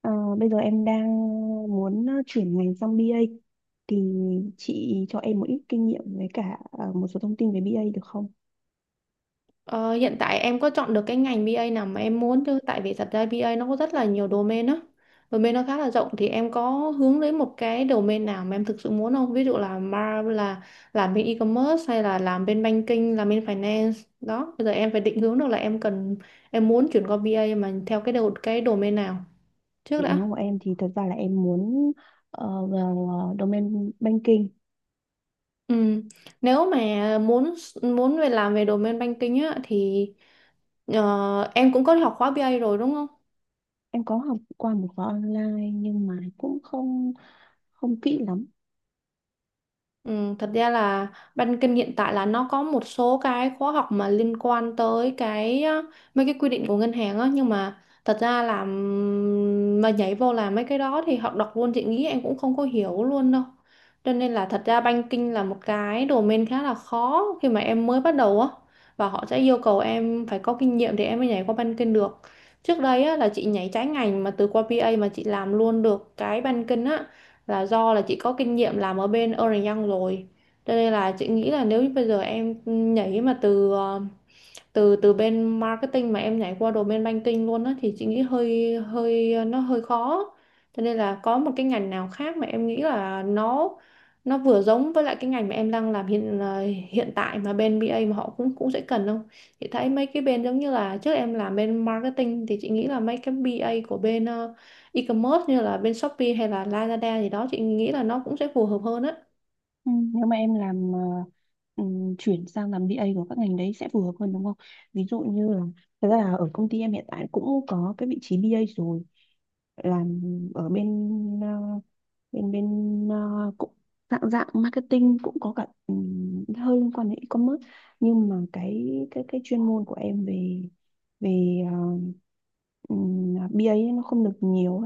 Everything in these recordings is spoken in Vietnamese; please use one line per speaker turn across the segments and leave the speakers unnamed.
Ờ, bây giờ em đang muốn chuyển ngành sang bê A thì chị cho em một ít kinh nghiệm với cả một số thông tin về bê A được không?
Ờ, hiện tại em có chọn được cái ngành bê A nào mà em muốn chứ? Tại vì thật ra bê A nó có rất là nhiều domain á, domain nó khá là rộng. Thì em có hướng đến một cái domain nào mà em thực sự muốn không? Ví dụ là mar là làm bên e-commerce hay là làm bên banking, làm bên finance đó. Bây giờ em phải định hướng được là em cần, em muốn chuyển qua bê A mà theo cái đầu cái domain nào trước
Định
đã.
hướng của em thì thật ra là em muốn vào domain banking.
Ừ. Nếu mà muốn, muốn về làm về domain banking á thì em cũng có học khóa bê A rồi đúng không?
Em có học qua một khóa online nhưng mà cũng không không kỹ lắm.
Ừ, thật ra là ban kinh hiện tại là nó có một số cái khóa học mà liên quan tới cái mấy cái quy định của ngân hàng á, nhưng mà thật ra là mà nhảy vô làm mấy cái đó thì học đọc luôn chị nghĩ em cũng không có hiểu luôn đâu. Cho nên là thật ra banking là một cái domain khá là khó khi mà em mới bắt đầu á, và họ sẽ yêu cầu em phải có kinh nghiệm thì em mới nhảy qua banking được. Trước đây á là chị nhảy trái ngành mà từ qua BA mà chị làm luôn được cái banking á là do là chị có kinh nghiệm làm ở bên Ernst Young rồi. Cho nên là chị nghĩ là nếu như bây giờ em nhảy mà từ từ từ bên marketing mà em nhảy qua đồ bên banking luôn á thì chị nghĩ hơi hơi nó hơi khó. Cho nên là có một cái ngành nào khác mà em nghĩ là nó vừa giống với lại cái ngành mà em đang làm hiện tại mà bên BA mà họ cũng cũng sẽ cần không? Chị thấy mấy cái bên giống như là trước em làm bên marketing thì chị nghĩ là mấy cái BA của bên e-commerce như là bên Shopee hay là Lazada gì đó chị nghĩ là nó cũng sẽ phù hợp hơn á.
Ừ, nếu mà em làm chuyển sang làm bê A của các ngành đấy sẽ phù hợp hơn đúng không? Ví dụ như là thật ra là ở công ty em hiện tại cũng có cái vị trí bê A rồi làm ở bên ờ, bên bên ờ, cũng dạng dạng marketing cũng có cả hơi liên quan đến e-commerce nhưng mà cái chuyên môn của em về về BA ấy nó không được nhiều.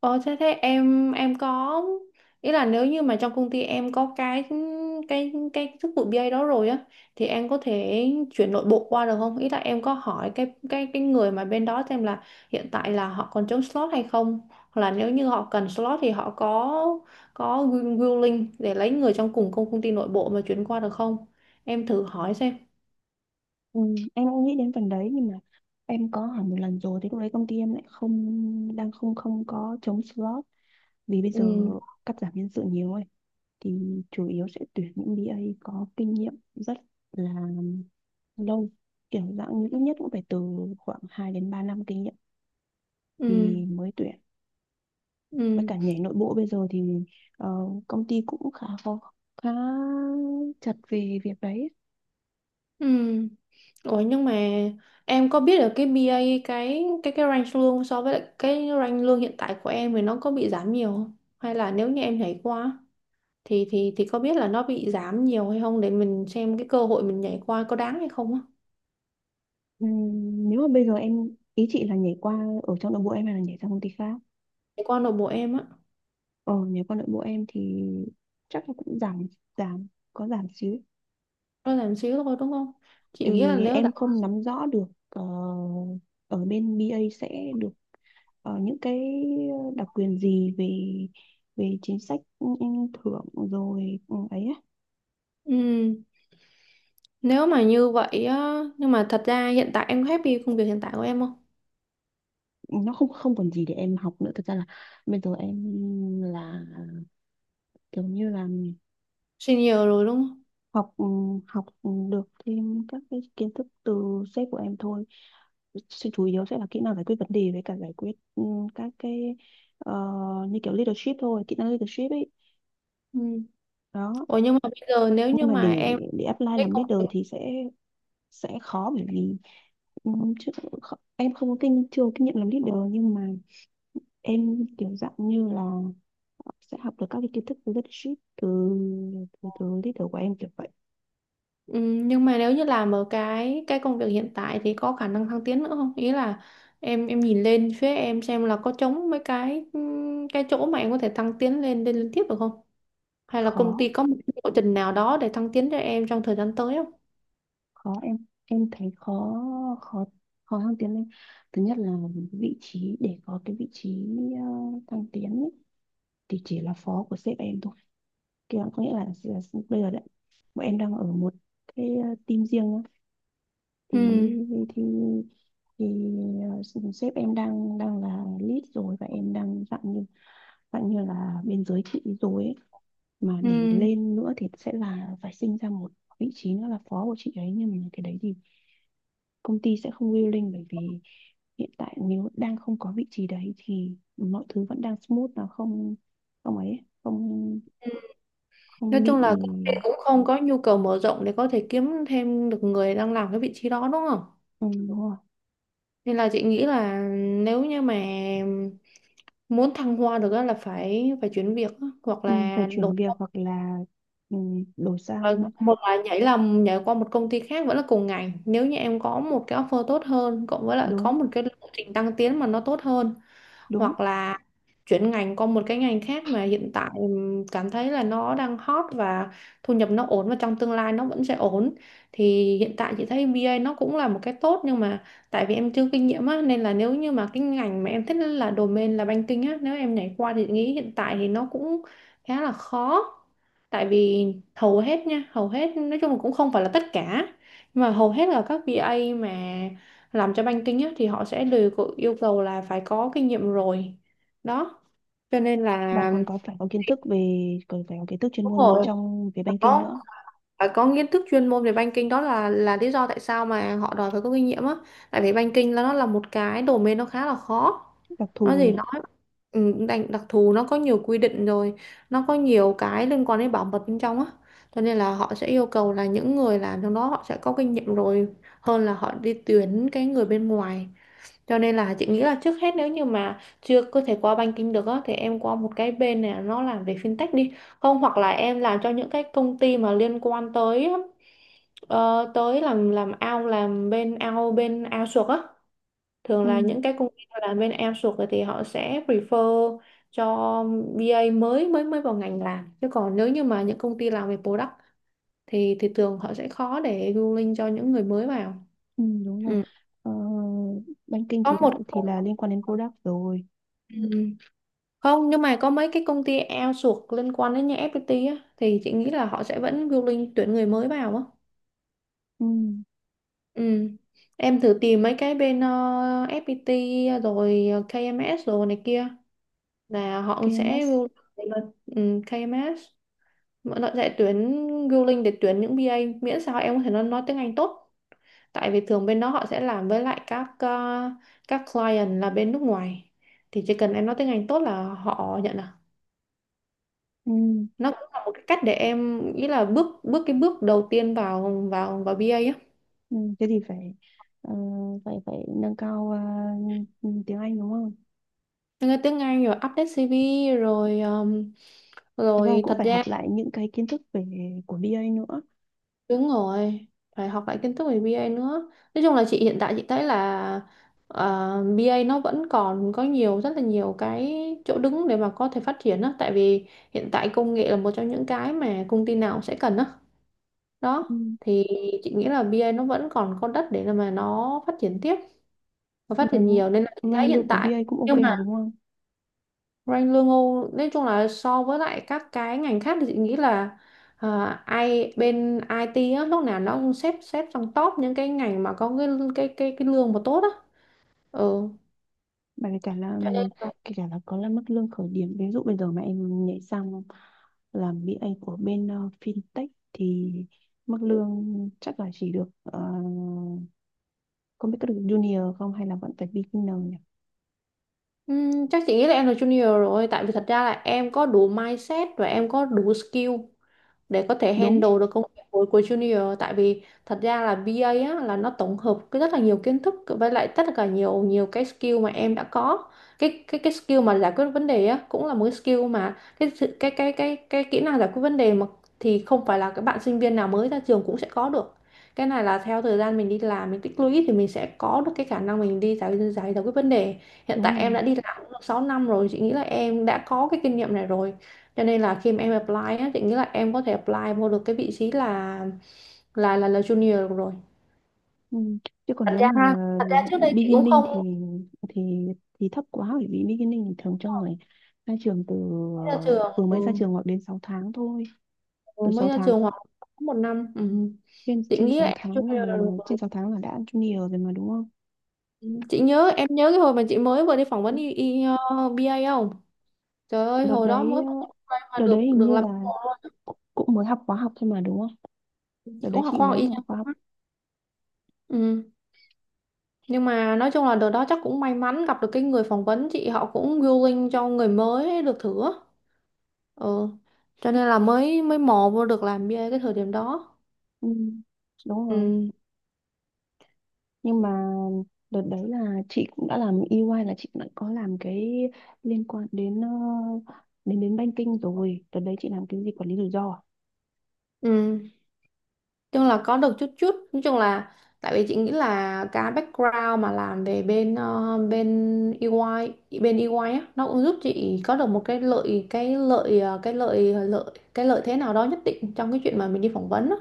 Ờ, thế thế em có ý là nếu như mà trong công ty em có cái cái chức vụ BA đó rồi á thì em có thể chuyển nội bộ qua được không? Ý là em có hỏi cái cái người mà bên đó xem là hiện tại là họ còn trống slot hay không? Hoặc là nếu như họ cần slot thì họ có willing để lấy người trong cùng công công ty nội bộ mà chuyển qua được không? Em thử hỏi xem.
Ừ, em cũng nghĩ đến phần đấy nhưng mà em có hỏi một lần rồi, thì lúc đấy công ty em lại không đang không không có trống slot vì bây giờ
Ừ
cắt giảm nhân sự nhiều ấy, thì chủ yếu sẽ tuyển những BA có kinh nghiệm rất là lâu, kiểu dạng như ít nhất cũng phải từ khoảng 2 đến 3 năm kinh nghiệm
ừ
thì mới tuyển. Với
ừ
cả nhảy nội bộ bây giờ thì ờ, công ty cũng khá khó, khá chặt về việc đấy.
ừ. Ủa nhưng mà em có biết được cái BA, cái cái range lương so với lại cái range lương hiện tại của em thì nó có bị giảm nhiều không? Hay là nếu như em nhảy qua thì thì có biết là nó bị giảm nhiều hay không để mình xem cái cơ hội mình nhảy qua có đáng hay không á.
Nếu mà bây giờ em, ý chị là nhảy qua ở trong nội bộ em hay là nhảy sang công ty khác?
Nhảy qua nội bộ em á,
Ờ nhảy qua nội bộ em thì chắc là cũng giảm giảm có giảm xíu,
nó giảm xíu thôi đúng không? Chị
tại
nghĩ là
vì
nếu
em
giảm,
không nắm rõ được ở bên BA sẽ được những cái đặc quyền gì về về chính sách, ừ, ừ, thưởng rồi ừ, ấy á.
ừ, nếu mà như vậy á, nhưng mà thật ra hiện tại em happy công việc hiện tại của em không?
Nó không không còn gì để em học nữa, thực ra là bây giờ em là kiểu như là
Senior rồi đúng không?
học, ừ, học được thêm các cái kiến thức từ sếp của em thôi. Sự chủ yếu sẽ là kỹ năng giải quyết vấn đề với cả giải quyết, ừ, các cái ờ, như kiểu leadership thôi, kỹ năng leadership ấy
Ừ.
đó.
Ủa nhưng mà bây giờ nếu như
Nhưng mà
mà
để
em
để apply
cái
làm
công
leader thì sẽ khó, bởi vì ừ, em không có kinh chưa có kinh nghiệm làm leader, nhưng mà em kiểu dạng như là sẽ học được các cái kiến thức từ leadership từ từ leader của em, kiểu vậy.
Ừ, nhưng mà nếu như làm ở cái công việc hiện tại thì có khả năng thăng tiến nữa không? Ý là em nhìn lên phía em xem là có trống mấy cái chỗ mà em có thể thăng tiến lên, lên liên tiếp được không? Hay là công
Khó,
ty có một cái lộ trình nào đó để thăng tiến cho em trong thời gian tới không?
khó, em thấy khó khó khó thăng tiến lên. Thứ nhất là vị trí, để có cái vị trí ờ, thăng tiến ấy, thì chỉ là phó của sếp em thôi. Kia có nghĩa là bây giờ đấy bọn em đang ở một cái team riêng á. Thì
Ừ,
thì thì ờ, sếp em đang đang là lead rồi, và em đang dạng như là bên dưới chị rồi ấy. Mà để
ừ.
lên nữa thì sẽ là phải sinh ra một vị trí nữa là phó của chị ấy, nhưng mà cái đấy thì công ty sẽ không willing, bởi vì hiện tại nếu đang không có vị trí đấy thì mọi thứ vẫn đang smooth, nó không không ấy không
Nói
không bị.
chung là công ty cũng không có nhu cầu mở rộng để có thể kiếm thêm được người đang làm cái vị trí đó đúng không?
Ừ, đúng rồi.
Nên là chị nghĩ là nếu như mà muốn thăng hoa được á là phải phải chuyển việc á, hoặc
Ừ, phải
là đổi.
chuyển việc hoặc là, ừ, đổi
Và
sang.
một là nhảy, là nhảy qua một công ty khác vẫn là cùng ngành nếu như em có một cái offer tốt hơn cộng với lại có
Đúng,
một cái lộ trình tăng tiến mà nó tốt hơn,
đúng,
hoặc là chuyển ngành qua một cái ngành khác mà hiện tại cảm thấy là nó đang hot và thu nhập nó ổn và trong tương lai nó vẫn sẽ ổn. Thì hiện tại chị thấy bê a nó cũng là một cái tốt, nhưng mà tại vì em chưa kinh nghiệm á nên là nếu như mà cái ngành mà em thích là domain là banking á, nếu em nhảy qua thì chị nghĩ hiện tại thì nó cũng khá là khó. Tại vì hầu hết nói chung là cũng không phải là tất cả, nhưng mà hầu hết là các bê a mà làm cho banking á, thì họ sẽ đều có yêu cầu là phải có kinh nghiệm rồi đó. Cho nên
và
là
còn có phải có kiến thức về, còn phải có kiến thức chuyên
đúng
môn
rồi,
trong về
phải
banking
có
nữa.
phải có kiến thức chuyên môn về banking đó là lý do tại sao mà họ đòi phải có kinh nghiệm á. Tại vì banking là nó là một cái domain nó khá là khó.
Đặc
Nói
thù
gì
nhỉ.
nói ừ, đặc thù nó có nhiều quy định rồi, nó có nhiều cái liên quan đến bảo mật bên trong á. Cho nên là họ sẽ yêu cầu là những người làm trong đó họ sẽ có kinh nghiệm rồi, hơn là họ đi tuyển cái người bên ngoài. Cho nên là chị nghĩ là trước hết nếu như mà chưa có thể qua banking được á thì em qua một cái bên này nó làm về fintech đi, không hoặc là em làm cho những cái công ty mà liên quan tới tới làm ao, làm bên ao, bên ao suộc á. Thường
Ừ,
là những cái công ty tôi làm bên em sụt rồi thì họ sẽ prefer cho BA mới mới mới vào ngành làm, chứ còn nếu như mà những công ty làm về product thì thường họ sẽ khó để ruling cho những người mới vào.
ừ, đúng rồi.
Ừ.
Ờ, banking
Có
thì
một,
đã thì là liên quan đến product rồi.
ừ. Không, nhưng mà có mấy cái công ty outsource liên quan đến như FPT á, thì chị nghĩ là họ sẽ vẫn ruling tuyển người mới vào á.
Ừ,
Ừ. Em thử tìm mấy cái bên FPT rồi KMS rồi này kia là họ cũng sẽ
KMS.
rule, là KMS mọi loại sẽ tuyển, ruling để tuyển những BA, miễn sao em có thể nói tiếng Anh tốt. Tại vì thường bên đó họ sẽ làm với lại các các client là bên nước ngoài, thì chỉ cần em nói tiếng Anh tốt là họ nhận à.
Ừ.
Nó cũng là một cái cách để em, ý là bước bước cái bước đầu tiên vào vào vào BA á.
Ừ, thế thì phải ờ, phải phải nâng cao ừ, tiếng Anh đúng không?
Em tiếng Anh rồi update CV rồi
Thế và
rồi
cũng
thật
phải học
ra.
lại những cái kiến thức về của bê A nữa.
Đúng rồi, phải học lại kiến thức về bê A nữa. Nói chung là chị hiện tại chị thấy là bê A nó vẫn còn có nhiều, rất là nhiều cái chỗ đứng để mà có thể phát triển á, tại vì hiện tại công nghệ là một trong những cái mà công ty nào cũng sẽ cần á.
Ừ.
Đó, thì chị nghĩ là bê A nó vẫn còn có đất để mà nó phát triển tiếp và phát
Mà
triển nhiều, nên là chị thấy
ranh
hiện
lương của bê
tại,
A cũng ok
nhưng
mà
mà
đúng không?
Rank lương Âu nói chung là so với lại các cái ngành khác thì chị nghĩ là à, ai bên IT á, lúc nào nó cũng xếp xếp trong top những cái ngành mà có cái cái cái lương mà tốt á. Ừ.
Mà kể cả là,
Cho nên là
kể cả là có là mức lương khởi điểm, ví dụ bây giờ mà em nhảy sang làm bê A của bên fintech thì mức lương chắc là chỉ được không biết có được junior không hay là vẫn phải beginner nhỉ?
chắc chị nghĩ là em là junior rồi, tại vì thật ra là em có đủ mindset và em có đủ skill để có thể
Đúng,
handle được công việc của junior. Tại vì thật ra là BA á, là nó tổng hợp cái rất là nhiều kiến thức với lại tất cả nhiều nhiều cái skill mà em đã có. Cái skill mà giải quyết vấn đề á cũng là một cái skill mà cái sự- cái kỹ năng giải quyết vấn đề mà thì không phải là các bạn sinh viên nào mới ra trường cũng sẽ có được. Cái này là theo thời gian mình đi làm mình tích lũy thì mình sẽ có được cái khả năng mình đi giải giải giải quyết vấn đề. Hiện
đúng
tại em
rồi.
đã đi làm cũng được 6 năm rồi, chị nghĩ là em đã có cái kinh nghiệm này rồi. Cho nên là khi mà em apply á, chị nghĩ là em có thể apply vô được cái vị trí là junior được rồi.
Ừ. Chứ còn
thật
nếu mà
ra thật ra trước đây chị cũng
beginning
không,
thì thì thì thấp quá, bởi vì beginning thì thường cho người ra trường từ
mới ra
ờ,
trường
vừa mới ra
ừ.
trường, hoặc đến 6 tháng thôi.
Ừ,
Từ
mới
sáu
ra
tháng
trường hoặc có một năm, ừ.
trên
Chị
trên
nghĩ là
6
em
tháng là,
junior được rồi.
trên 6 tháng là đã junior rồi mà đúng không?
Ừ, chị nhớ em nhớ cái hồi mà chị mới vừa đi phỏng vấn y, y, ờ, BA không, trời ơi
Đợt
hồi đó
đấy,
mới phỏng vấn BA mà
đợt đấy
được,
hình
được
như
làm
là
mentor luôn.
cũng cũng mới học khóa học thôi mà đúng không?
Chị
Đợt đấy
cũng học
chị
khoa học y
mới học khóa học.
nha. Ừ. Nhưng mà nói chung là đợt đó chắc cũng may mắn gặp được cái người phỏng vấn chị, họ cũng willing cho người mới được thử á. Ừ, cho nên là mới mới mò vô được làm bia cái thời điểm đó.
Ừ. Đúng rồi.
Ừ.
Nhưng mà đợt đấy là chị cũng đã làm EY, là chị đã có làm cái liên quan đến đến đến banking rồi. Đợt đấy chị làm cái gì, quản lý rủi ro à?
Ừ, chung là có được chút chút nói chung là tại vì chị nghĩ là cái background mà làm về bên EY, bên EY á, nó cũng giúp chị có được một cái lợi, cái lợi thế nào đó nhất định trong cái chuyện mà mình đi phỏng vấn á.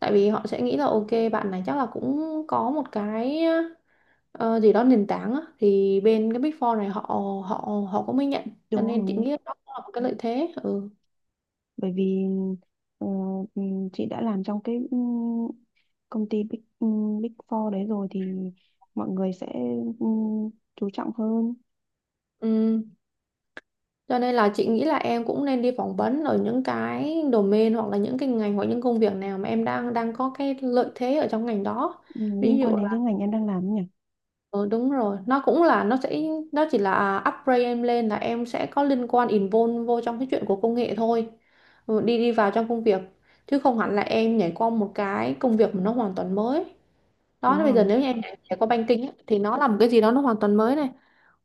Tại vì họ sẽ nghĩ là ok, bạn này chắc là cũng có một cái gì đó nền tảng á, thì bên cái Big Four này họ họ, họ cũng mới nhận. Cho
Đúng
nên chị
không?
nghĩ đó cũng là một cái lợi thế. Ừ.
Bởi vì ờ, chị đã làm trong cái công ty big, Big Four đấy rồi, thì mọi người sẽ, ừm, chú trọng hơn.
Ừm, cho nên là chị nghĩ là em cũng nên đi phỏng vấn ở những cái domain hoặc là những cái ngành hoặc những công việc nào mà em đang đang có cái lợi thế ở trong ngành đó.
Ừm,
Ví
liên
dụ
quan đến cái
là
ngành em đang làm ấy nhỉ.
ừ, đúng rồi, nó cũng là nó sẽ, nó chỉ là upgrade em lên là em sẽ có liên quan, involve vô trong cái chuyện của công nghệ thôi. Ừ, đi đi vào trong công việc, chứ không hẳn là em nhảy qua một cái công việc mà nó hoàn toàn mới. Đó,
Đúng
bây giờ
không?
nếu như em đã có banking á, thì nó là một cái gì đó nó hoàn toàn mới này.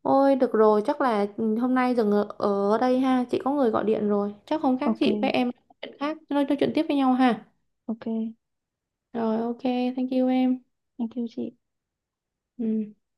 Ôi được rồi, chắc là ừ, hôm nay dừng ở, ở đây ha, chị có người gọi điện rồi, chắc không khác
Ok.
chị với em nói chuyện khác, nói chuyện tiếp với nhau ha.
Ok.
Rồi ok, thank you em.
Thank you chị.
Ừ.